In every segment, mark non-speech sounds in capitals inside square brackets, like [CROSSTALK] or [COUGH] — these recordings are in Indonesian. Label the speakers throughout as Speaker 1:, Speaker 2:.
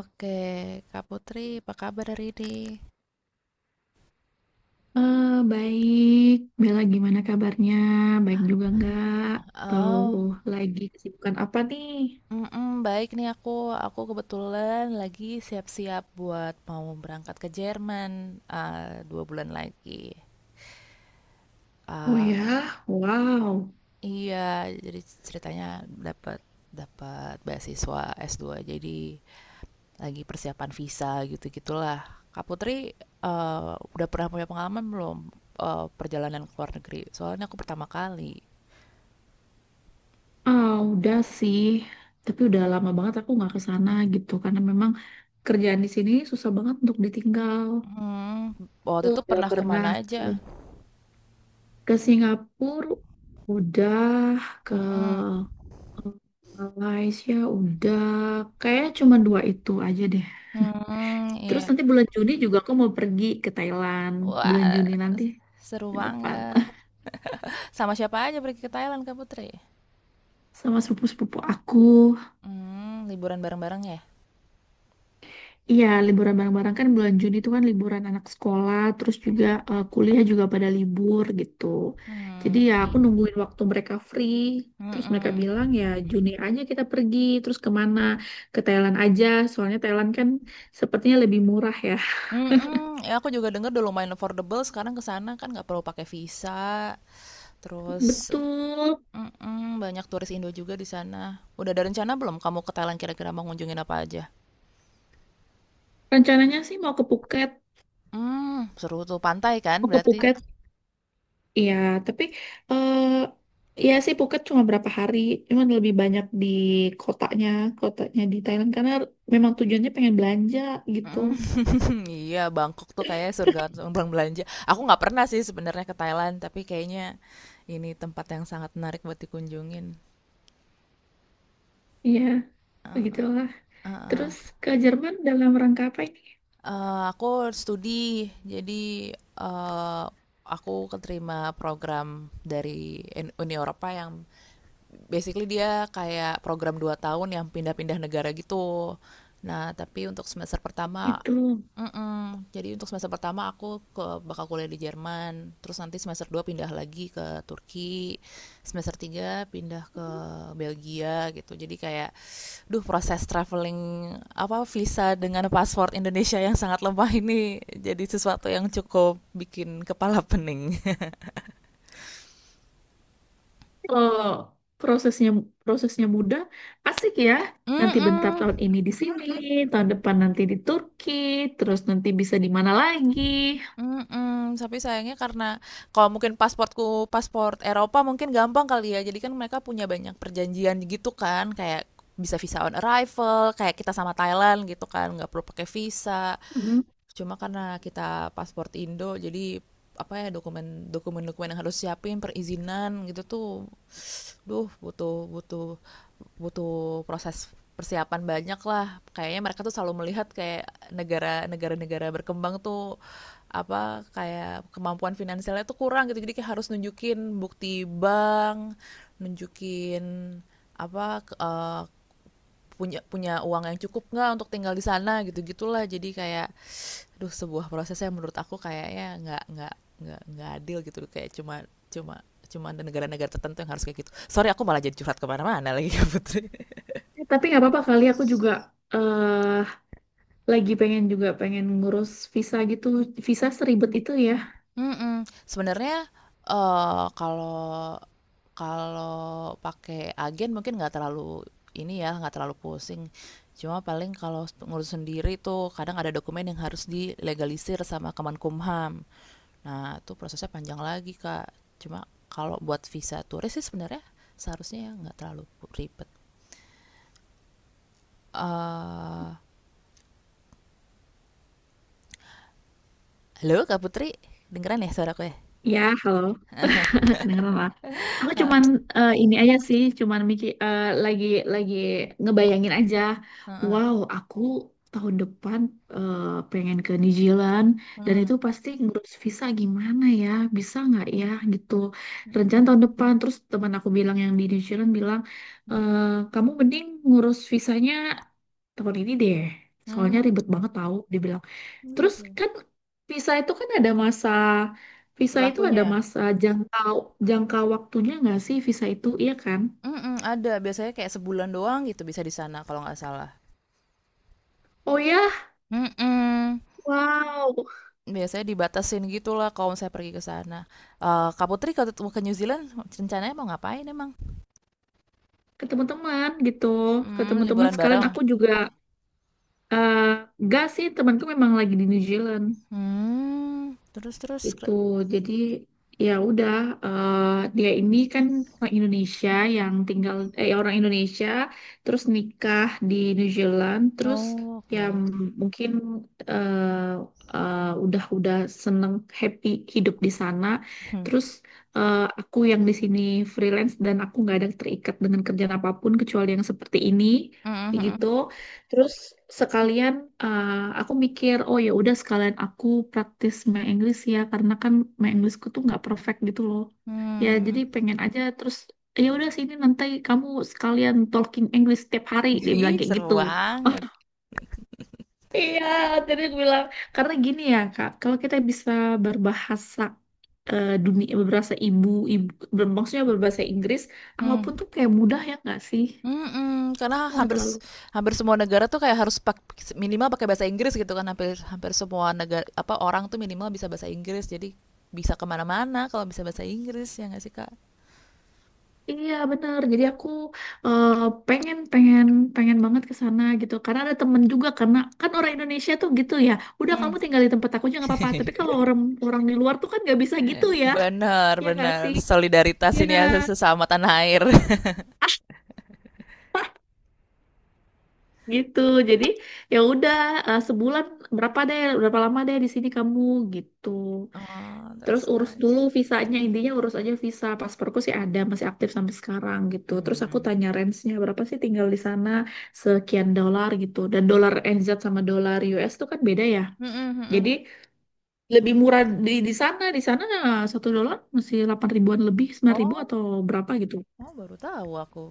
Speaker 1: Oke, Kak Putri, apa kabar hari ini?
Speaker 2: Eh, Baik, Bella gimana kabarnya? Baik juga nggak? Atau
Speaker 1: Oh,
Speaker 2: lagi kesibukan apa nih?
Speaker 1: baik nih aku. Aku kebetulan lagi siap-siap buat mau berangkat ke Jerman dua bulan lagi.
Speaker 2: Oh
Speaker 1: Ah,
Speaker 2: ya, wow.
Speaker 1: iya, jadi ceritanya dapat dapat beasiswa S2, jadi lagi persiapan visa gitu-gitulah. Kak Putri, eh, udah pernah punya pengalaman belum perjalanan ke luar negeri? Soalnya aku pertama kali.
Speaker 2: Udah sih, tapi udah lama banget aku nggak ke sana gitu karena memang kerjaan di sini susah banget untuk ditinggal.
Speaker 1: Hmm, Waktu itu
Speaker 2: Udah
Speaker 1: pernah
Speaker 2: pernah
Speaker 1: kemana
Speaker 2: ke,
Speaker 1: aja?
Speaker 2: ke Singapura, udah ke
Speaker 1: Mhm,
Speaker 2: Malaysia, udah. Kayaknya cuma dua itu aja deh.
Speaker 1: hmm, iya.
Speaker 2: Terus nanti bulan Juni juga aku mau pergi ke Thailand. Bulan
Speaker 1: Wah,
Speaker 2: Juni nanti
Speaker 1: seru
Speaker 2: bulan depan
Speaker 1: banget.
Speaker 2: [LAUGHS]
Speaker 1: Sama siapa aja pergi ke Thailand, Kak Putri?
Speaker 2: sama sepupu-sepupu aku.
Speaker 1: Liburan bareng-bareng, ya?
Speaker 2: Iya, liburan bareng-bareng kan bulan Juni itu kan liburan anak sekolah, terus juga kuliah juga pada libur gitu. Jadi ya aku
Speaker 1: Mmm,
Speaker 2: nungguin waktu mereka free. Terus mereka
Speaker 1: mhm,
Speaker 2: bilang ya Juni aja kita pergi, terus kemana? Ke Thailand aja, soalnya Thailand kan sepertinya lebih murah ya.
Speaker 1: mhm, Ya, aku juga dengar udah lumayan affordable sekarang ke sana, kan nggak perlu pakai visa,
Speaker 2: [LAUGHS]
Speaker 1: terus
Speaker 2: Betul.
Speaker 1: mhm, banyak turis Indo juga di sana. Udah ada rencana belum kamu ke Thailand, kira-kira mau ngunjungin apa aja?
Speaker 2: Rencananya sih mau ke Phuket,
Speaker 1: Seru tuh, pantai kan
Speaker 2: mau ke
Speaker 1: berarti?
Speaker 2: Phuket Iya, tapi eh ya sih Phuket cuma berapa hari, cuman lebih banyak di kotanya, kotanya di Thailand karena memang tujuannya pengen belanja gitu.
Speaker 1: Mhm. [LAUGHS] Iya, Bangkok tuh kayaknya surga orang belanja. Aku nggak pernah sih sebenarnya ke Thailand, tapi kayaknya ini tempat yang sangat menarik buat dikunjungin.
Speaker 2: Iya, begitulah. Terus
Speaker 1: Heeh.
Speaker 2: ke Jerman dalam rangka apa ini?
Speaker 1: Aku studi, jadi eh, aku keterima program dari Uni Eropa yang basically dia kayak program 2 tahun yang pindah-pindah negara gitu. Nah, tapi untuk semester pertama.
Speaker 2: Gitu.
Speaker 1: Mhm, jadi untuk semester pertama aku bakal kuliah di Jerman, terus nanti semester 2 pindah lagi ke Turki, semester 3 pindah ke Belgia gitu. Jadi kayak, duh proses traveling apa visa dengan paspor Indonesia yang sangat lemah ini jadi sesuatu yang cukup bikin kepala pening.
Speaker 2: Oh, prosesnya prosesnya mudah, asik ya.
Speaker 1: [LAUGHS]
Speaker 2: Nanti bentar tahun
Speaker 1: Mhm.
Speaker 2: ini di sini, tahun depan nanti di Turki, terus nanti bisa di mana lagi.
Speaker 1: Mhm, tapi sayangnya karena kalau mungkin pasportku paspor Eropa mungkin gampang kali ya, jadi kan mereka punya banyak perjanjian gitu kan, kayak bisa visa on arrival, kayak kita sama Thailand gitu kan, nggak perlu pakai visa.
Speaker 2: Mm.
Speaker 1: Cuma karena kita paspor Indo, jadi apa ya dokumen-dokumen yang harus siapin perizinan gitu tuh, duh butuh butuh butuh proses persiapan banyak lah. Kayaknya mereka tuh selalu melihat kayak negara-negara berkembang tuh apa kayak kemampuan finansialnya tuh kurang gitu. Jadi kayak harus nunjukin bukti bank, nunjukin apa punya punya uang yang cukup nggak untuk tinggal di sana gitu gitulah. Jadi kayak aduh sebuah prosesnya menurut aku kayaknya nggak adil gitu kayak cuma cuma cuma ada negara-negara tertentu yang harus kayak gitu. Sorry, aku malah jadi curhat kemana-mana lagi [LAUGHS] ya, Putri.
Speaker 2: Tapi nggak apa-apa kali aku juga eh, lagi pengen juga pengen ngurus visa gitu. Visa seribet itu ya.
Speaker 1: Mhm. Sebenarnya, kalau kalau pakai agen mungkin nggak terlalu ini ya, nggak terlalu pusing. Cuma paling kalau ngurus sendiri tuh kadang ada dokumen yang harus dilegalisir sama Kemenkumham. Nah, itu prosesnya panjang lagi, Kak. Cuma kalau buat visa turis sih sebenarnya seharusnya nggak terlalu ribet. Eee, Halo, Kak Putri? Kedengeran ya suaraku ya?
Speaker 2: Ya, halo. [LAUGHS] Kedengeran lah. Aku cuman ini aja sih, cuman mikir lagi ngebayangin aja.
Speaker 1: Heeh,
Speaker 2: Wow, aku tahun depan eh, pengen ke New Zealand dan itu
Speaker 1: mhm
Speaker 2: pasti ngurus visa gimana ya? Bisa nggak ya gitu. Rencana
Speaker 1: mhm,
Speaker 2: tahun depan terus teman aku bilang yang di New Zealand bilang, "Eh, kamu mending ngurus visanya tahun ini deh. Soalnya
Speaker 1: mmm,
Speaker 2: ribet banget tahu," dibilang.
Speaker 1: oh
Speaker 2: Terus
Speaker 1: gitu,
Speaker 2: kan visa itu kan ada masa, visa itu
Speaker 1: berlakunya
Speaker 2: ada
Speaker 1: ya?
Speaker 2: masa jangka jangka waktunya nggak sih visa itu iya kan?
Speaker 1: Mhm, ada. Biasanya kayak sebulan doang gitu bisa di sana kalau nggak salah.
Speaker 2: Oh ya,
Speaker 1: Mhm,
Speaker 2: wow,
Speaker 1: biasanya dibatasin gitulah kalau misalnya pergi ke sana. Kak Putri kalau mau ke New Zealand rencananya mau ngapain emang?
Speaker 2: ke teman-teman gitu, ke teman-teman
Speaker 1: Liburan
Speaker 2: sekalian
Speaker 1: bareng?
Speaker 2: aku juga eh, nggak sih temanku memang lagi di New Zealand.
Speaker 1: Mmm, terus terus ke
Speaker 2: Gitu. Jadi ya udah, eh, dia ini kan orang Indonesia yang tinggal, orang Indonesia terus nikah di New Zealand. Terus
Speaker 1: Oh,
Speaker 2: ya
Speaker 1: oke.
Speaker 2: mungkin eh, eh, udah seneng, happy hidup di sana.
Speaker 1: Mhm,
Speaker 2: Terus aku yang di sini freelance dan aku nggak ada terikat dengan kerjaan apapun kecuali yang seperti ini,
Speaker 1: mhm
Speaker 2: kayak
Speaker 1: mhm.
Speaker 2: gitu. Terus sekalian eh, aku mikir, oh ya udah sekalian aku praktis my English ya karena kan my Englishku tuh nggak perfect gitu loh. Ya
Speaker 1: Mmm,
Speaker 2: jadi pengen aja. Terus ya udah sini nanti kamu sekalian talking English setiap hari, dia
Speaker 1: [LAUGHS]
Speaker 2: bilang
Speaker 1: ih,
Speaker 2: kayak
Speaker 1: seru
Speaker 2: gitu.
Speaker 1: banget.
Speaker 2: [LAUGHS] Oh iya, jadi aku bilang, karena gini ya Kak, kalau kita bisa berbahasa, dunia berbahasa ibu, maksudnya berbahasa Inggris,
Speaker 1: Mhm.
Speaker 2: apapun tuh kayak mudah ya nggak sih?
Speaker 1: Mhm, karena
Speaker 2: Nggak terlalu.
Speaker 1: hampir semua negara tuh kayak harus minimal pakai bahasa Inggris gitu kan, hampir hampir semua negara apa, orang tuh minimal bisa bahasa Inggris, jadi bisa kemana mana kalau bisa bahasa Inggris, ya nggak sih, Kak?
Speaker 2: Iya bener. Jadi aku eh, pengen pengen pengen banget ke sana gitu. Karena ada temen juga, karena kan orang Indonesia tuh gitu ya. Udah, kamu
Speaker 1: Mmm.
Speaker 2: tinggal di tempat aku aja nggak apa-apa. Tapi kalau orang orang di luar tuh kan nggak bisa gitu ya.
Speaker 1: Bener
Speaker 2: Ya nggak sih?
Speaker 1: bener, [LAUGHS] solidaritas ini
Speaker 2: Iya.
Speaker 1: ya sesama tanah air. [LAUGHS]
Speaker 2: [LAUGHS] Ah, Gitu. Jadi ya udah, sebulan berapa deh, berapa lama deh di sini kamu gitu.
Speaker 1: Oh,
Speaker 2: Terus
Speaker 1: that's
Speaker 2: urus dulu
Speaker 1: nice.
Speaker 2: visanya, intinya urus aja visa. Pasporku sih ada, masih aktif sampai sekarang gitu. Terus aku
Speaker 1: Mmm.
Speaker 2: tanya range-nya berapa sih tinggal di sana, sekian dolar gitu. Dan dolar NZ sama dolar US tuh kan beda ya.
Speaker 1: Mhm
Speaker 2: Jadi
Speaker 1: mhm.
Speaker 2: lebih murah di sana, di sana 1 dolar masih 8 ribuan lebih, 9 ribu
Speaker 1: Oh,
Speaker 2: atau berapa gitu.
Speaker 1: oh, baru tahu aku.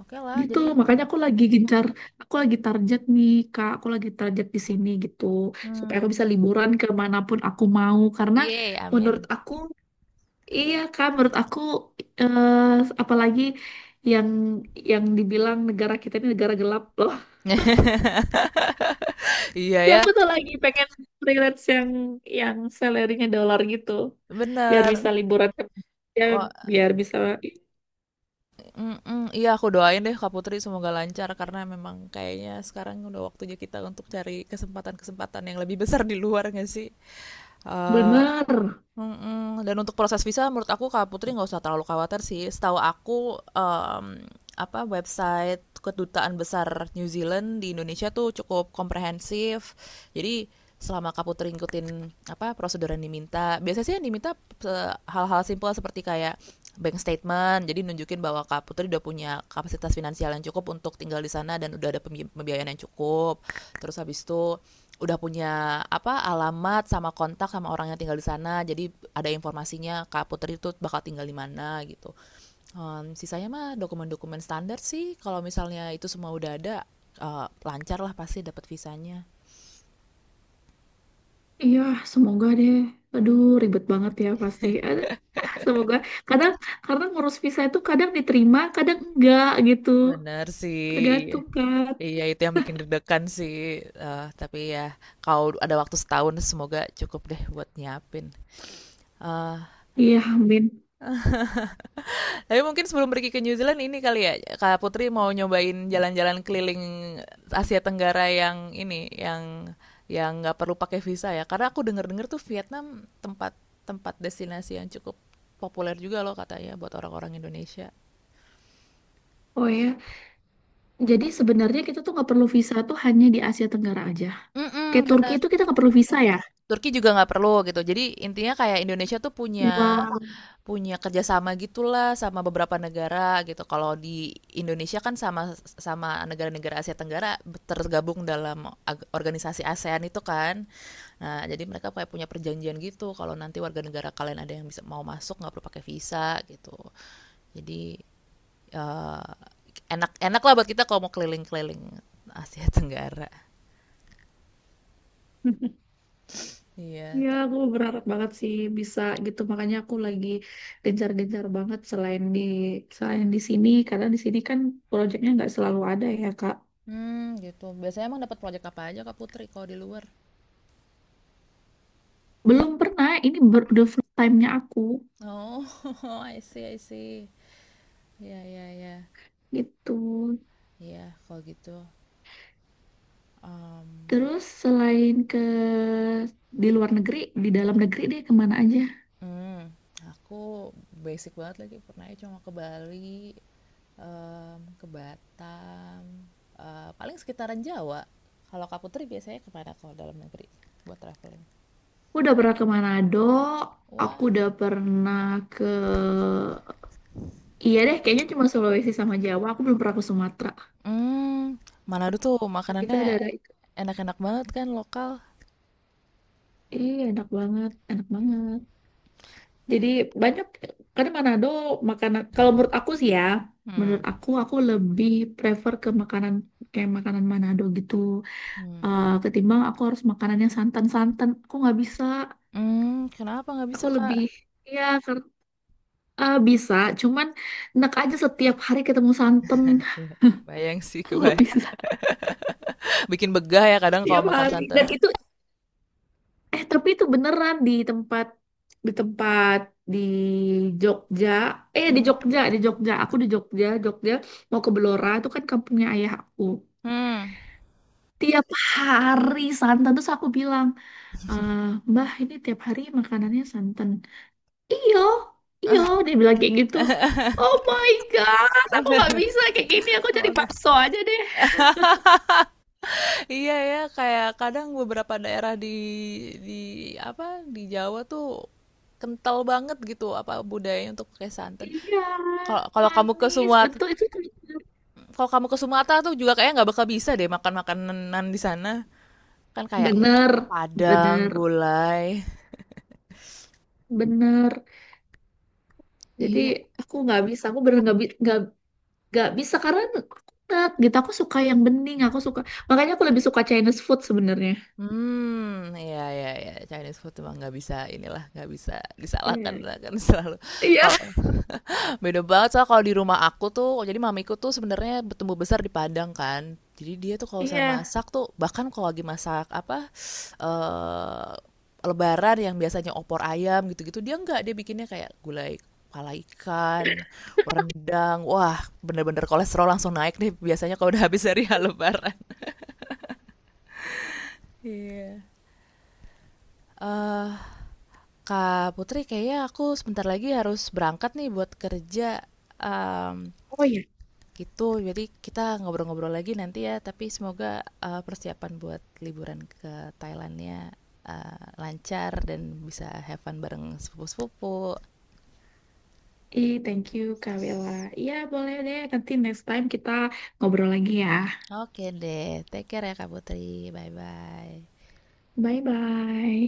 Speaker 1: Oke lah,
Speaker 2: Gitu,
Speaker 1: jadi
Speaker 2: makanya aku lagi gencar, aku lagi target nih, Kak, aku lagi target di sini gitu. Supaya
Speaker 1: mmm,
Speaker 2: aku bisa liburan kemanapun aku mau, karena
Speaker 1: yeay,
Speaker 2: menurut
Speaker 1: amin.
Speaker 2: aku, iya kan, menurut aku eh, apalagi yang yang dibilang negara kita ini negara gelap loh.
Speaker 1: [LAUGHS]
Speaker 2: [LAUGHS]
Speaker 1: Iya
Speaker 2: Jadi
Speaker 1: ya,
Speaker 2: aku tuh lagi pengen freelance yang salarynya dolar gitu, biar
Speaker 1: bener.
Speaker 2: bisa liburan ke, ya, biar bisa.
Speaker 1: Mhm, iya aku doain deh Kak Putri semoga lancar karena memang kayaknya sekarang udah waktunya kita untuk cari kesempatan-kesempatan yang lebih besar di luar nggak sih? Eh,
Speaker 2: Bener,
Speaker 1: mm-mm. Dan untuk proses visa menurut aku Kak Putri nggak usah terlalu khawatir sih. Setahu aku apa website kedutaan besar New Zealand di Indonesia tuh cukup komprehensif. Jadi selama Kak Putri ngikutin apa prosedur yang diminta, biasanya sih yang diminta hal-hal simpel seperti kayak bank statement jadi nunjukin bahwa Kak Putri udah punya kapasitas finansial yang cukup untuk tinggal di sana dan udah ada pembiayaan yang cukup, terus habis itu udah punya apa alamat sama kontak sama orang yang tinggal di sana jadi ada informasinya Kak Putri itu bakal tinggal di mana gitu. Sisanya mah dokumen-dokumen standar sih kalau misalnya itu semua udah ada, lancar lah pasti dapat visanya.
Speaker 2: iya semoga deh. Aduh ribet banget ya pasti. Aduh, semoga. Kadang karena ngurus visa itu kadang diterima, kadang enggak gitu.
Speaker 1: Bener sih. Iya.
Speaker 2: Tergantung kan.
Speaker 1: Iya, itu yang bikin deg-degan sih. Tapi ya, kalau ada waktu setahun, semoga cukup deh buat nyiapin. Eh,
Speaker 2: Iya, amin.
Speaker 1: tapi mungkin sebelum pergi ke New Zealand ini kali ya, Kak Putri mau nyobain jalan-jalan keliling Asia Tenggara yang ini, yang yang nggak perlu pakai visa ya. Karena aku denger-denger tuh Vietnam tempat tempat destinasi yang cukup populer juga loh katanya buat orang-orang Indonesia.
Speaker 2: Oh ya, jadi sebenarnya kita tuh nggak perlu visa tuh hanya di Asia Tenggara aja. Kayak
Speaker 1: Mm-mm,
Speaker 2: Turki
Speaker 1: benar.
Speaker 2: itu kita nggak perlu visa ya?
Speaker 1: Turki juga nggak perlu gitu. Jadi intinya kayak Indonesia tuh punya
Speaker 2: Wow.
Speaker 1: Punya kerjasama gitulah sama beberapa negara gitu. Kalau di Indonesia kan sama sama negara-negara Asia Tenggara tergabung dalam organisasi ASEAN itu kan. Nah, jadi mereka kayak punya perjanjian gitu kalau nanti warga negara kalian ada yang bisa mau masuk nggak perlu pakai visa gitu. Jadi eh, enak-enak lah buat kita kalau mau keliling-keliling Asia Tenggara.
Speaker 2: [LAUGHS]
Speaker 1: Iya.
Speaker 2: Ya, aku berharap banget sih bisa gitu. Makanya aku lagi gencar-gencar banget selain di, sini, karena di sini kan proyeknya nggak selalu ada ya, Kak.
Speaker 1: Hmm, gitu. Biasanya emang dapat proyek apa aja Kak Putri kalau di luar?
Speaker 2: Belum pernah, ini baru the first time-nya aku
Speaker 1: Oh, [LAUGHS] I see, I see. Ya, ya, ya.
Speaker 2: gitu.
Speaker 1: Iya, kalau gitu, mmm,
Speaker 2: Terus selain ke di luar negeri, di dalam negeri deh kemana aja?
Speaker 1: mmm, aku basic banget lagi pernah ya cuma ke Bali, ke Batam, paling sekitaran Jawa. Kalau Kak Putri biasanya ke mana kalau dalam negeri buat traveling?
Speaker 2: Aku udah pernah ke Manado, aku
Speaker 1: Wah.
Speaker 2: udah pernah ke Iya deh, kayaknya cuma Sulawesi sama Jawa. Aku belum pernah ke Sumatera.
Speaker 1: Mmm, Manado tuh
Speaker 2: Kita
Speaker 1: makanannya
Speaker 2: daerah itu.
Speaker 1: enak-enak banget kan lokal?
Speaker 2: Iya, enak banget, enak banget. Jadi banyak, karena Manado makanan, kalau menurut aku sih ya,
Speaker 1: Hmm,
Speaker 2: menurut aku lebih prefer ke makanan, kayak makanan Manado gitu.
Speaker 1: hmm,
Speaker 2: Ketimbang aku harus makanan yang santan-santan. Aku nggak bisa,
Speaker 1: Kenapa nggak bisa,
Speaker 2: aku
Speaker 1: Kak?
Speaker 2: lebih, iya, bisa. Cuman, enak aja setiap hari ketemu santan. [LAUGHS]
Speaker 1: Iya, kebayang sih,
Speaker 2: Aku nggak
Speaker 1: kebayang.
Speaker 2: bisa.
Speaker 1: [LAUGHS] Bikin begah ya kadang kalau
Speaker 2: Tiap
Speaker 1: makan
Speaker 2: hari.
Speaker 1: santan.
Speaker 2: Dan itu tapi itu beneran di tempat, di tempat di Jogja, di
Speaker 1: hmm
Speaker 2: Jogja di Jogja aku di Jogja Jogja mau ke Belora, itu kan kampungnya ayah aku.
Speaker 1: mhm,
Speaker 2: Tiap hari santan, terus aku bilang, "Eh, Mbah, ini tiap hari makanannya santan." Iyo, iyo, dia bilang kayak gitu. Oh my God, aku nggak bisa kayak gini. Aku cari
Speaker 1: kalau agak
Speaker 2: bakso aja deh.
Speaker 1: Iya ya, kayak kadang beberapa daerah di di apa di Jawa tuh kental banget gitu apa budayanya untuk pakai santan.
Speaker 2: Iya,
Speaker 1: Kalau kalau kamu ke
Speaker 2: manis.
Speaker 1: Sumatera,
Speaker 2: Betul, itu bener.
Speaker 1: kalau kamu ke Sumatera tuh juga kayak nggak bakal bisa deh makan makanan di sana. Kan kayak
Speaker 2: Bener,
Speaker 1: Padang,
Speaker 2: bener,
Speaker 1: gulai.
Speaker 2: bener. Jadi
Speaker 1: Iya.
Speaker 2: aku nggak bisa, aku bener nggak bisa karena aku nggak gitu. Aku suka yang bening, aku suka. Makanya aku lebih suka Chinese food sebenarnya.
Speaker 1: Iya iya iya, Chinese food emang nggak bisa inilah, nggak bisa disalahkan
Speaker 2: Iya,
Speaker 1: lah kan selalu.
Speaker 2: iya,
Speaker 1: Beda banget soalnya kalau di rumah aku tuh, jadi mamiku tuh sebenarnya bertumbuh besar di Padang kan. Jadi dia tuh kalau saya
Speaker 2: iya.
Speaker 1: masak tuh, bahkan kalau lagi masak apa, eee, lebaran yang biasanya opor ayam gitu-gitu, dia nggak dia bikinnya kayak gulai kepala ikan, rendang, wah bener-bener kolesterol langsung naik deh biasanya kalau udah habis dari [LAUGHS] lebaran. Iya. Eee, Kak Putri kayaknya aku sebentar lagi harus berangkat nih buat kerja, mmm,
Speaker 2: Oh iya.
Speaker 1: gitu, jadi kita ngobrol-ngobrol lagi nanti ya, tapi semoga, persiapan buat liburan ke Thailandnya lancar dan bisa have fun bareng sepupu-sepupu.
Speaker 2: Ih, thank you Kak Bella. Iya, boleh deh. Nanti next time kita ngobrol lagi ya.
Speaker 1: Oke deh, take care ya Kak Putri, bye-bye.
Speaker 2: Bye bye.